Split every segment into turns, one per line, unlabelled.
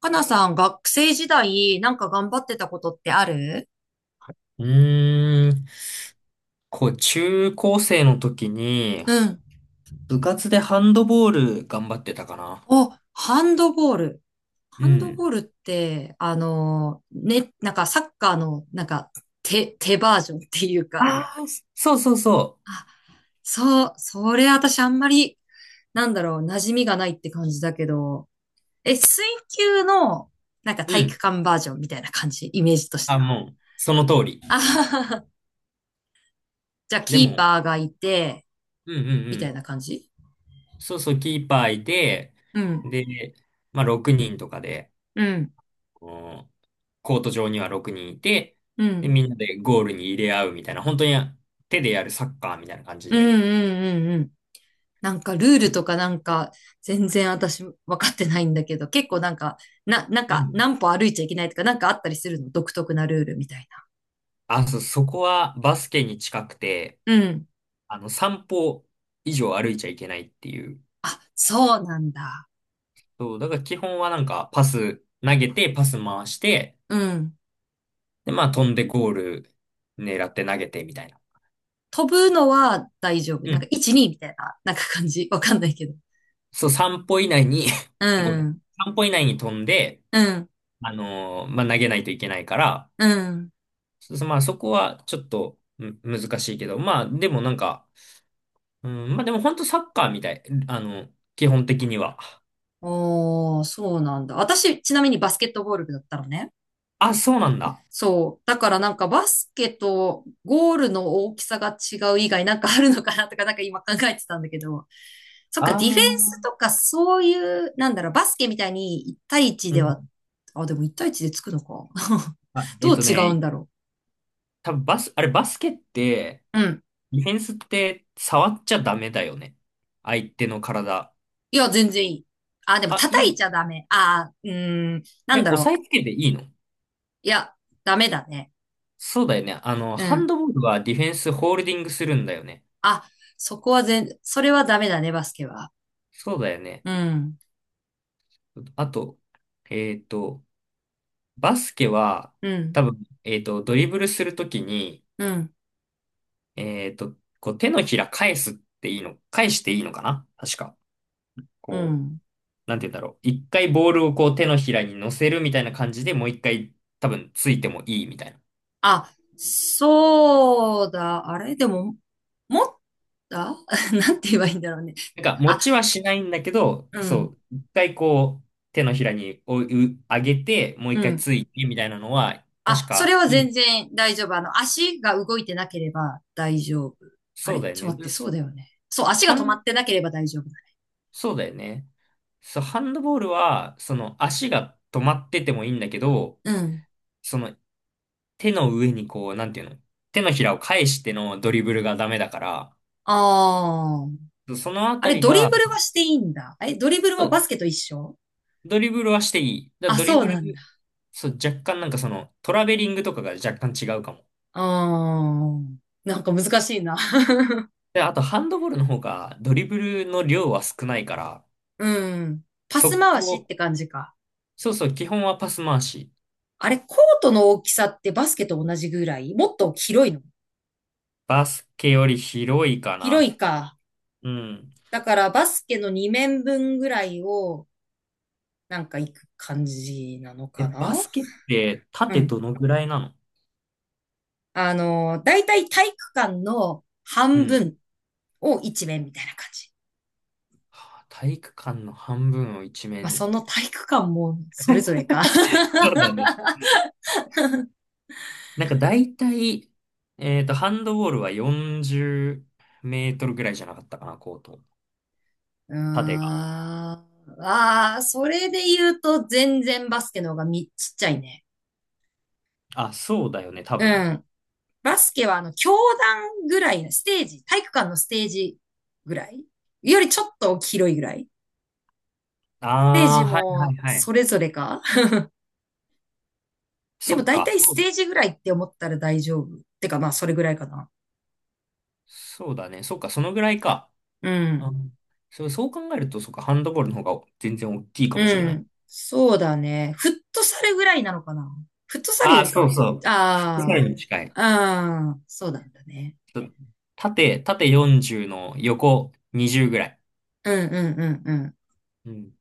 かなさん、学生時代、なんか頑張ってたことってある？
うーん。こう、中高生の時に、
うん。
部活でハンドボール頑張ってたかな。
お、ハンドボール。
う
ハンド
ん。
ボールって、ね、なんかサッカーの、なんか、手バージョンっていう
あ
か、
あ、そうそうそ
あ、そう、それ私あんまり、なんだろう、馴染みがないって感じだけど、水球の、なんか
う。う
体育
ん。
館バージョンみたいな感じ、イメージとし
あ、
ては。
もう、その通り。
あははは。じゃあ、
で
キー
も、
パーがいて、
うんうんう
みたい
ん。
な感じ。
そうそう、キーパーいて、
うん、
で、まあ、6人とかで、
うん、
こうコート上には6人いて、
う
で、
ん。
みんなでゴールに入れ合うみたいな、本当に手でやるサッカーみたいな感じ
うん
で。
うんうんうん。なんかルール
う
とかなんか全然私分かってないんだけど、結構なんか、なんか
ん。
何歩歩いちゃいけないとかなんかあったりするの？独特なルールみたい
あ、そう、そこはバスケに近くて、
な。うん。
あの、散歩以上歩いちゃいけないっていう。
あ、そうなんだ。
そう、だから基本はなんかパス投げて、パス回して、
うん。
で、まあ飛んでゴール狙って投げてみたいな。
飛ぶのは大丈夫。
う
なん
ん。
か1、2みたいな、なんか感じ。わかんないけど。
そう、3歩以内に
う
ごめん。
ん。
3歩以内に飛んで、
うん。
まあ投げないといけないから、
うん。
そうそうまあそこはちょっと難しいけど、まあでもなんか、うん、まあでも本当サッカーみたい。あの、基本的には。
おー、そうなんだ。私、ちなみにバスケットボール部だったのね。
あ、そうなんだ。
そう。だからなんかバスケとゴールの大きさが違う以外なんかあるのかなとかなんか今考えてたんだけど。そっか、
あ
ディフェン
あ。
スとかそういう、なんだろう、バスケみたいに1対1
う
では、
ん。
あ、でも1対1でつくのか。
あ、
どう違うんだろ
多分あれバスケって、
う。うん。
ディフェンスって触っちゃダメだよね。相手の体。
いや、全然いい。あ、でも
あ、
叩
い
い
い。
ちゃダメ。あー、うーん、な
あ
ん
れ、
だ
押
ろ
さえつけていいの？
う。いや、ダメだね。
そうだよね。あの、
う
ハン
ん。
ドボールはディフェンスホールディングするんだよね。
あ、そこはそれはダメだね、バスケは。
そうだよね。
うん、
あと、えっと、バスケは、
うん、
多分、ドリブルするときに、
うん、
こう手のひら返すっていいの、返していいのかな確か。
う
こう
ん。
なんて言うんだろう。一回ボールをこう手のひらに乗せるみたいな感じでもう一回多分ついてもいいみたいな。
あ、そうだ。あれでも、持った。 なんて言えばいいんだろうね。
なんか持
あ、
ちはしないんだけど、
う
そ
ん、
う、一回こう手のひらに上げてもう
う
一回
ん。
ついてみたいなのは
あ、
確
それ
か
は
いい。
全然大丈夫。足が動いてなければ大丈夫。あ
そ
れ
うだよ
ちょっ
ね。
と待っ
で
て、そ
す。
うだよね。そう、足
ハ
が止ま
ン、
ってなければ大丈夫だ。
そうだよね。そう、ハンドボールはその足が止まっててもいいんだけど、
うん。
その手の上にこう、なんていうの？手のひらを返してのドリブルがダメだか
ああ。
ら、そのあ
あ
た
れ、
り
ドリ
が、
ブルはしていいんだ。え、ドリブルもバスケと一緒？
ドリブルはしていい。だから
あ、
ドリ
そう
ブ
なんだ。
ル、そう、若干なんかその、トラベリングとかが若干違うかも。
ああ。なんか難しいな。
で、あとハンドボールの方がドリブルの量は少ないから、
うん。パス
速
回しっ
攻、
て感じか。
そうそう、基本はパス回し。
あれ、コートの大きさってバスケと同じぐらい？もっと広いの？
バスケより広いか
広
な。
いか。
うん。
だからバスケの2面分ぐらいをなんか行く感じなの
え、
か
バ
な？
スケって
う
縦
ん。
どのぐらいなの？
だいたい体育館の
う
半
ん。
分を1面みたいな感じ。
はあ体育館の半分を一
まあ、
面。
その体育館もそれぞれか。
そうだね。なんか大体、ハンドボールは40メートルぐらいじゃなかったかな、コート。
うー
縦。
ん。ああ、それで言うと全然バスケの方がちっちゃいね。
あ、そうだよね、多
う
分。
ん。バスケは教団ぐらいのステージ、体育館のステージぐらいよりちょっと広いぐらい。ステー
あ
ジ
あ、はいは
も
いはい。
それぞれか。 で
そ
も
っ
大
か、
体
そ
ス
う、
テージぐらいって思ったら大丈夫。てかまあそれぐらいかな。
そうだね。そっか、そのぐらいか。
う
う
ん。
ん。そう、そう考えると、そっか、ハンドボールの方が全然大きいか
う
もしれない。
ん。そうだね。フットサルぐらいなのかな。フットサル
あ
よ
あ、
りか
そ
は、
うそう。フットサ
あ
ルに近い。
あ、ああ、そうなんだね。
そう、縦40の横20ぐらい。
うんうんうんうん。
うん。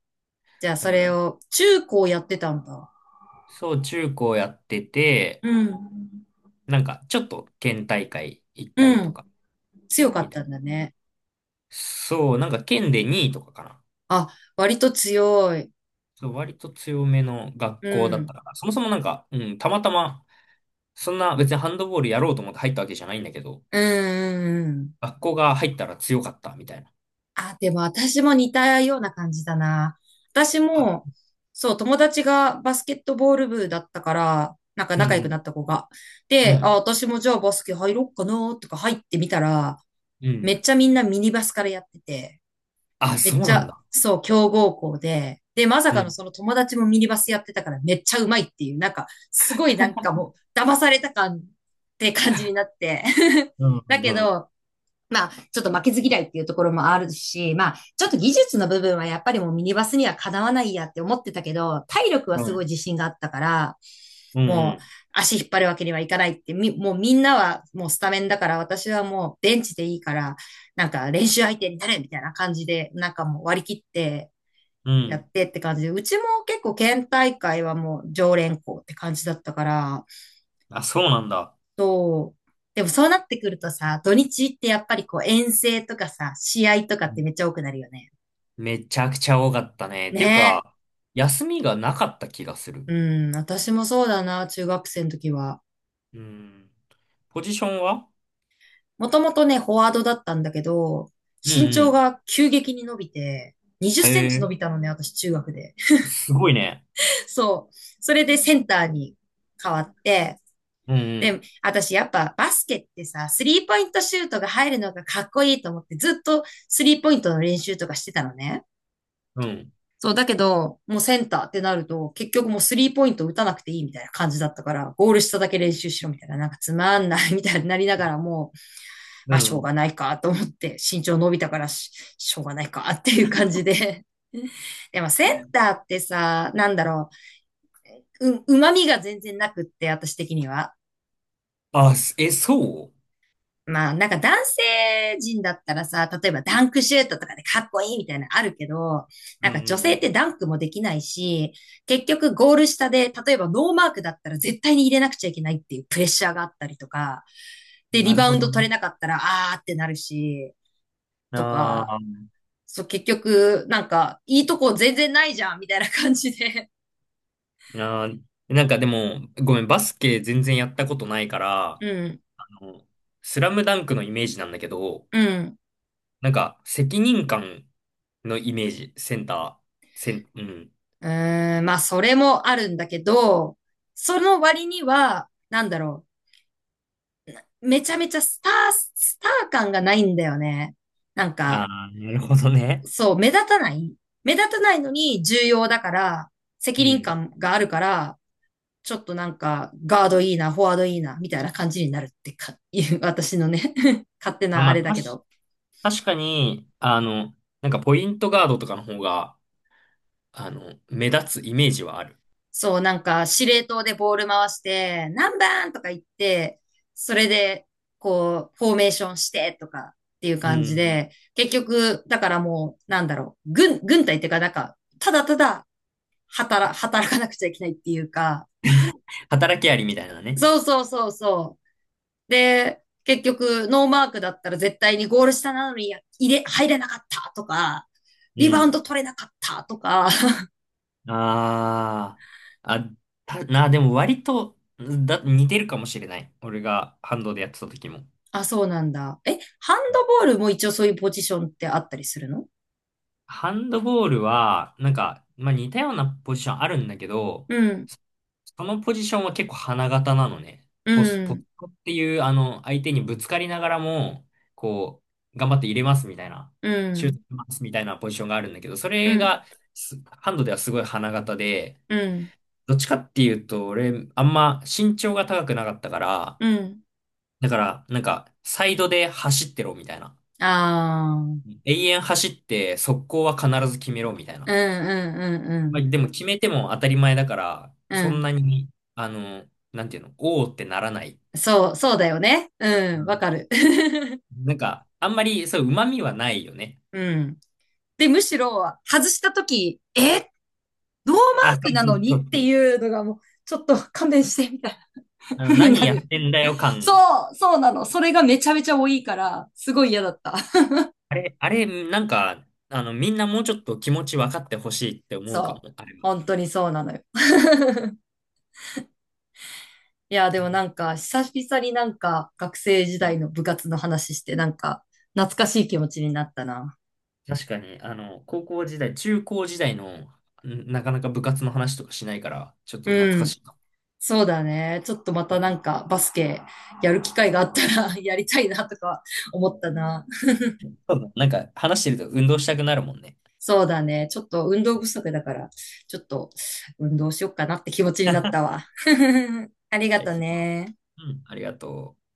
じゃあ
だ
そ
か
れ
ら、
を中高やってたんだ。
そう、中高やってて、
うん。
なんか、ちょっと県大会行った
う
りと
ん。
か、
強か
み
っ
たい
たん
な。
だね。
そう、なんか県で2位とかかな。
あ、割と強い。
そう、割と強めの
う
学校だった
ん。
から、そもそもなんか、うん、たまたま、そんな別にハンドボールやろうと思って入ったわけじゃないんだけど、
うんうんうん。
学校が入ったら強かったみたいな。
あ、でも私も似たような感じだな。私
あ、
も、そう、友達がバスケットボール部だったから、なんか
う
仲良くな
ん
った子が。
うん、う
で、あ、
ん、
私もじゃあバスケ入ろっかなとか入ってみたら、
う
め
ん。
っちゃみんなミニバスからやってて。
あ、
め
そ
っ
う
ち
なん
ゃ、
だ。
そう、強豪校で、で、まさ
う
かの
ん、
その友達もミニバスやってたからめっちゃうまいっていう、なんか、すごいなんかもう、騙された感って感じになって。
うん、
だ
う
け
ん、
ど、まあ、ちょっと負けず嫌いっていうところもあるし、まあ、ちょっと技術の部分はやっぱりもうミニバスにはかなわないやって思ってたけど、体力は
う
すごい
ん、
自信があったから、
うん、う
もう
ん。
足引っ張るわけにはいかないって、もうみんなはもうスタメンだから、私はもうベンチでいいから、なんか練習相手になれみたいな感じで、なんかもう割り切って
う
やっ
ん、
てって感じで、うちも結構県大会はもう常連校って感じだったから、
あ、そうなんだ。
そう。でもそうなってくるとさ、土日ってやっぱりこう遠征とかさ、試合とかっ
う
て
ん、
めっちゃ多くなるよね。
めちゃくちゃ多かったね。っていう
ね
か、休みがなかった気がする。
え。うん、私もそうだな、中学生の時は。
うん。ポジションは？
もともとね、フォワードだったんだけど、
うんう
身長
ん。
が急激に伸びて、20セ
へ
ンチ伸
え、
びたのね、私中学で。
すごいね。
そう。それでセンターに変わって、
うん
で、私やっぱバスケってさ、スリーポイントシュートが入るのがかっこいいと思って、ずっとスリーポイントの練習とかしてたのね。
うん、うん、
そう、だけど、もうセンターってなると、結局もうスリーポイント打たなくていいみたいな感じだったから、ゴール下だけ練習しろみたいな、なんかつまんないみたいになりながらもう、
う
まあしょう
ん。
がないかと思って、身長伸びたからしょうがないかっていう感じで。でもセンターってさ、なんだろう、旨味が全然なくって、私的には。
あ、そ
まあ、なんか男性陣だったらさ、例えばダンクシュートとかでかっこいいみたいなのあるけど、
う
なん
ん
か女
う
性って
ん
ダンクもできないし、結局ゴール下で、例えばノーマークだったら絶対に入れなくちゃいけないっていうプレッシャーがあったりとか、
う
で、
な
リ
る
バウ
ほ
ン
ど
ド取
ね。
れなかったら、あーってなるし、
うん。
と
あ
か、
ー
そう、結局、なんか、いいとこ全然ないじゃん、みたいな感じで。
あー、なんかでも、ごめん、バスケ全然やったことないから、あ
うん、
の、スラムダンクのイメージなんだけど、
うん。
なんか、責任感のイメージ、センター、うん。
うーん、まあ、それもあるんだけど、その割には、なんだろう。めちゃめちゃスター感がないんだよね。なん
あ
か、
あ、なるほどね。
そう、目立たない目立たないのに重要だから、
う
責任
ん。
感があるから、ちょっとなんか、ガードいいな、フォワードいいな、みたいな感じになるってか、いう、私のね、 勝手
まあ
な
ま
あれ
あ、
だけど。
確かに、あの、なんかポイントガードとかの方が、あの、目立つイメージはある。
そう、なんか、司令塔でボール回して、何番とか言って、それで、こう、フォーメーションしてとかっていう
う
感じ
ん。
で、結局、だからもう、なんだろう、軍隊っていうか、なんか、ただただ働、働かなくちゃいけないっていうか、
働きありみたいなね。
そうそうそうそう。で、結局、ノーマークだったら絶対にゴール下なのにや入れ、入れなかったとか、
う
リバウン
ん。
ド取れなかったとか。
ああ、あ、でも割と、似てるかもしれない。俺がハンドでやってた時も。
あ、そうなんだ。え、ハンドボールも一応そういうポジションってあったりするの？
ハンドボールは、なんか、まあ似たようなポジションあるんだけど、
うん、
そのポジションは結構花形なのね。
う
ポス
ん、
トっていう、あの、相手にぶつかりながらも、こう、頑張って入れますみたいな、
う
シュート
ん、
しますみたいなポジションがあるんだけど、そ
う
れ
ん、
が、ハンドではすごい花形で、
うん、
どっちかっていうと、俺、あんま身長が高くなかったから、
うん。
だから、なんか、サイドで走ってろみたいな。
ああ、うん、
永遠走って、速攻は必ず決めろみたい
う
な。
ん、うん、う
まあ、
ん。
でも決めても当たり前だから、
う
そん
ん。
なに、あの、なんていうの、おーってならない。
そう、そうだよね。う
う
ん、わ
ん、
かる。
なんか、あんまり、そう、旨味はないよね。
うん。で、むしろ、外したとき、ノーマー
あ、そ
ク
う
な
そ
の
うそ
に
う
って
そう。
いうのがもう、ちょっと勘弁して、みたいな
あの、
風に
何
な
やっ
る。
てんだよ
そ
感。
う、そうなの。それがめちゃめちゃ多いから、すごい嫌だった。
あれ、なんか、あの、みんなもうちょっと気持ち分かってほしいって 思うかも、
そう。
あれは。
本当にそうなのよ。いや、でもなんか、久々になんか、学生時
う
代
ん、
の部活の話して、なんか、懐かしい気持ちになったな。
確かに、あの、高校時代、中高時代の、なかなか部活の話とかしないから、ちょっと懐
う
か
ん。
しいな。
そうだね。ちょっとまたなんか、バスケやる機会があったら、 やりたいなとか思ったな。
そうだなんか、話してると運動したくなるもんね。
そうだね。ちょっと運動不足だから、ちょっと運動しよっかなって気持ちになったわ。ありが
じゃ
と
あ、
ね。
うん、ありがとう。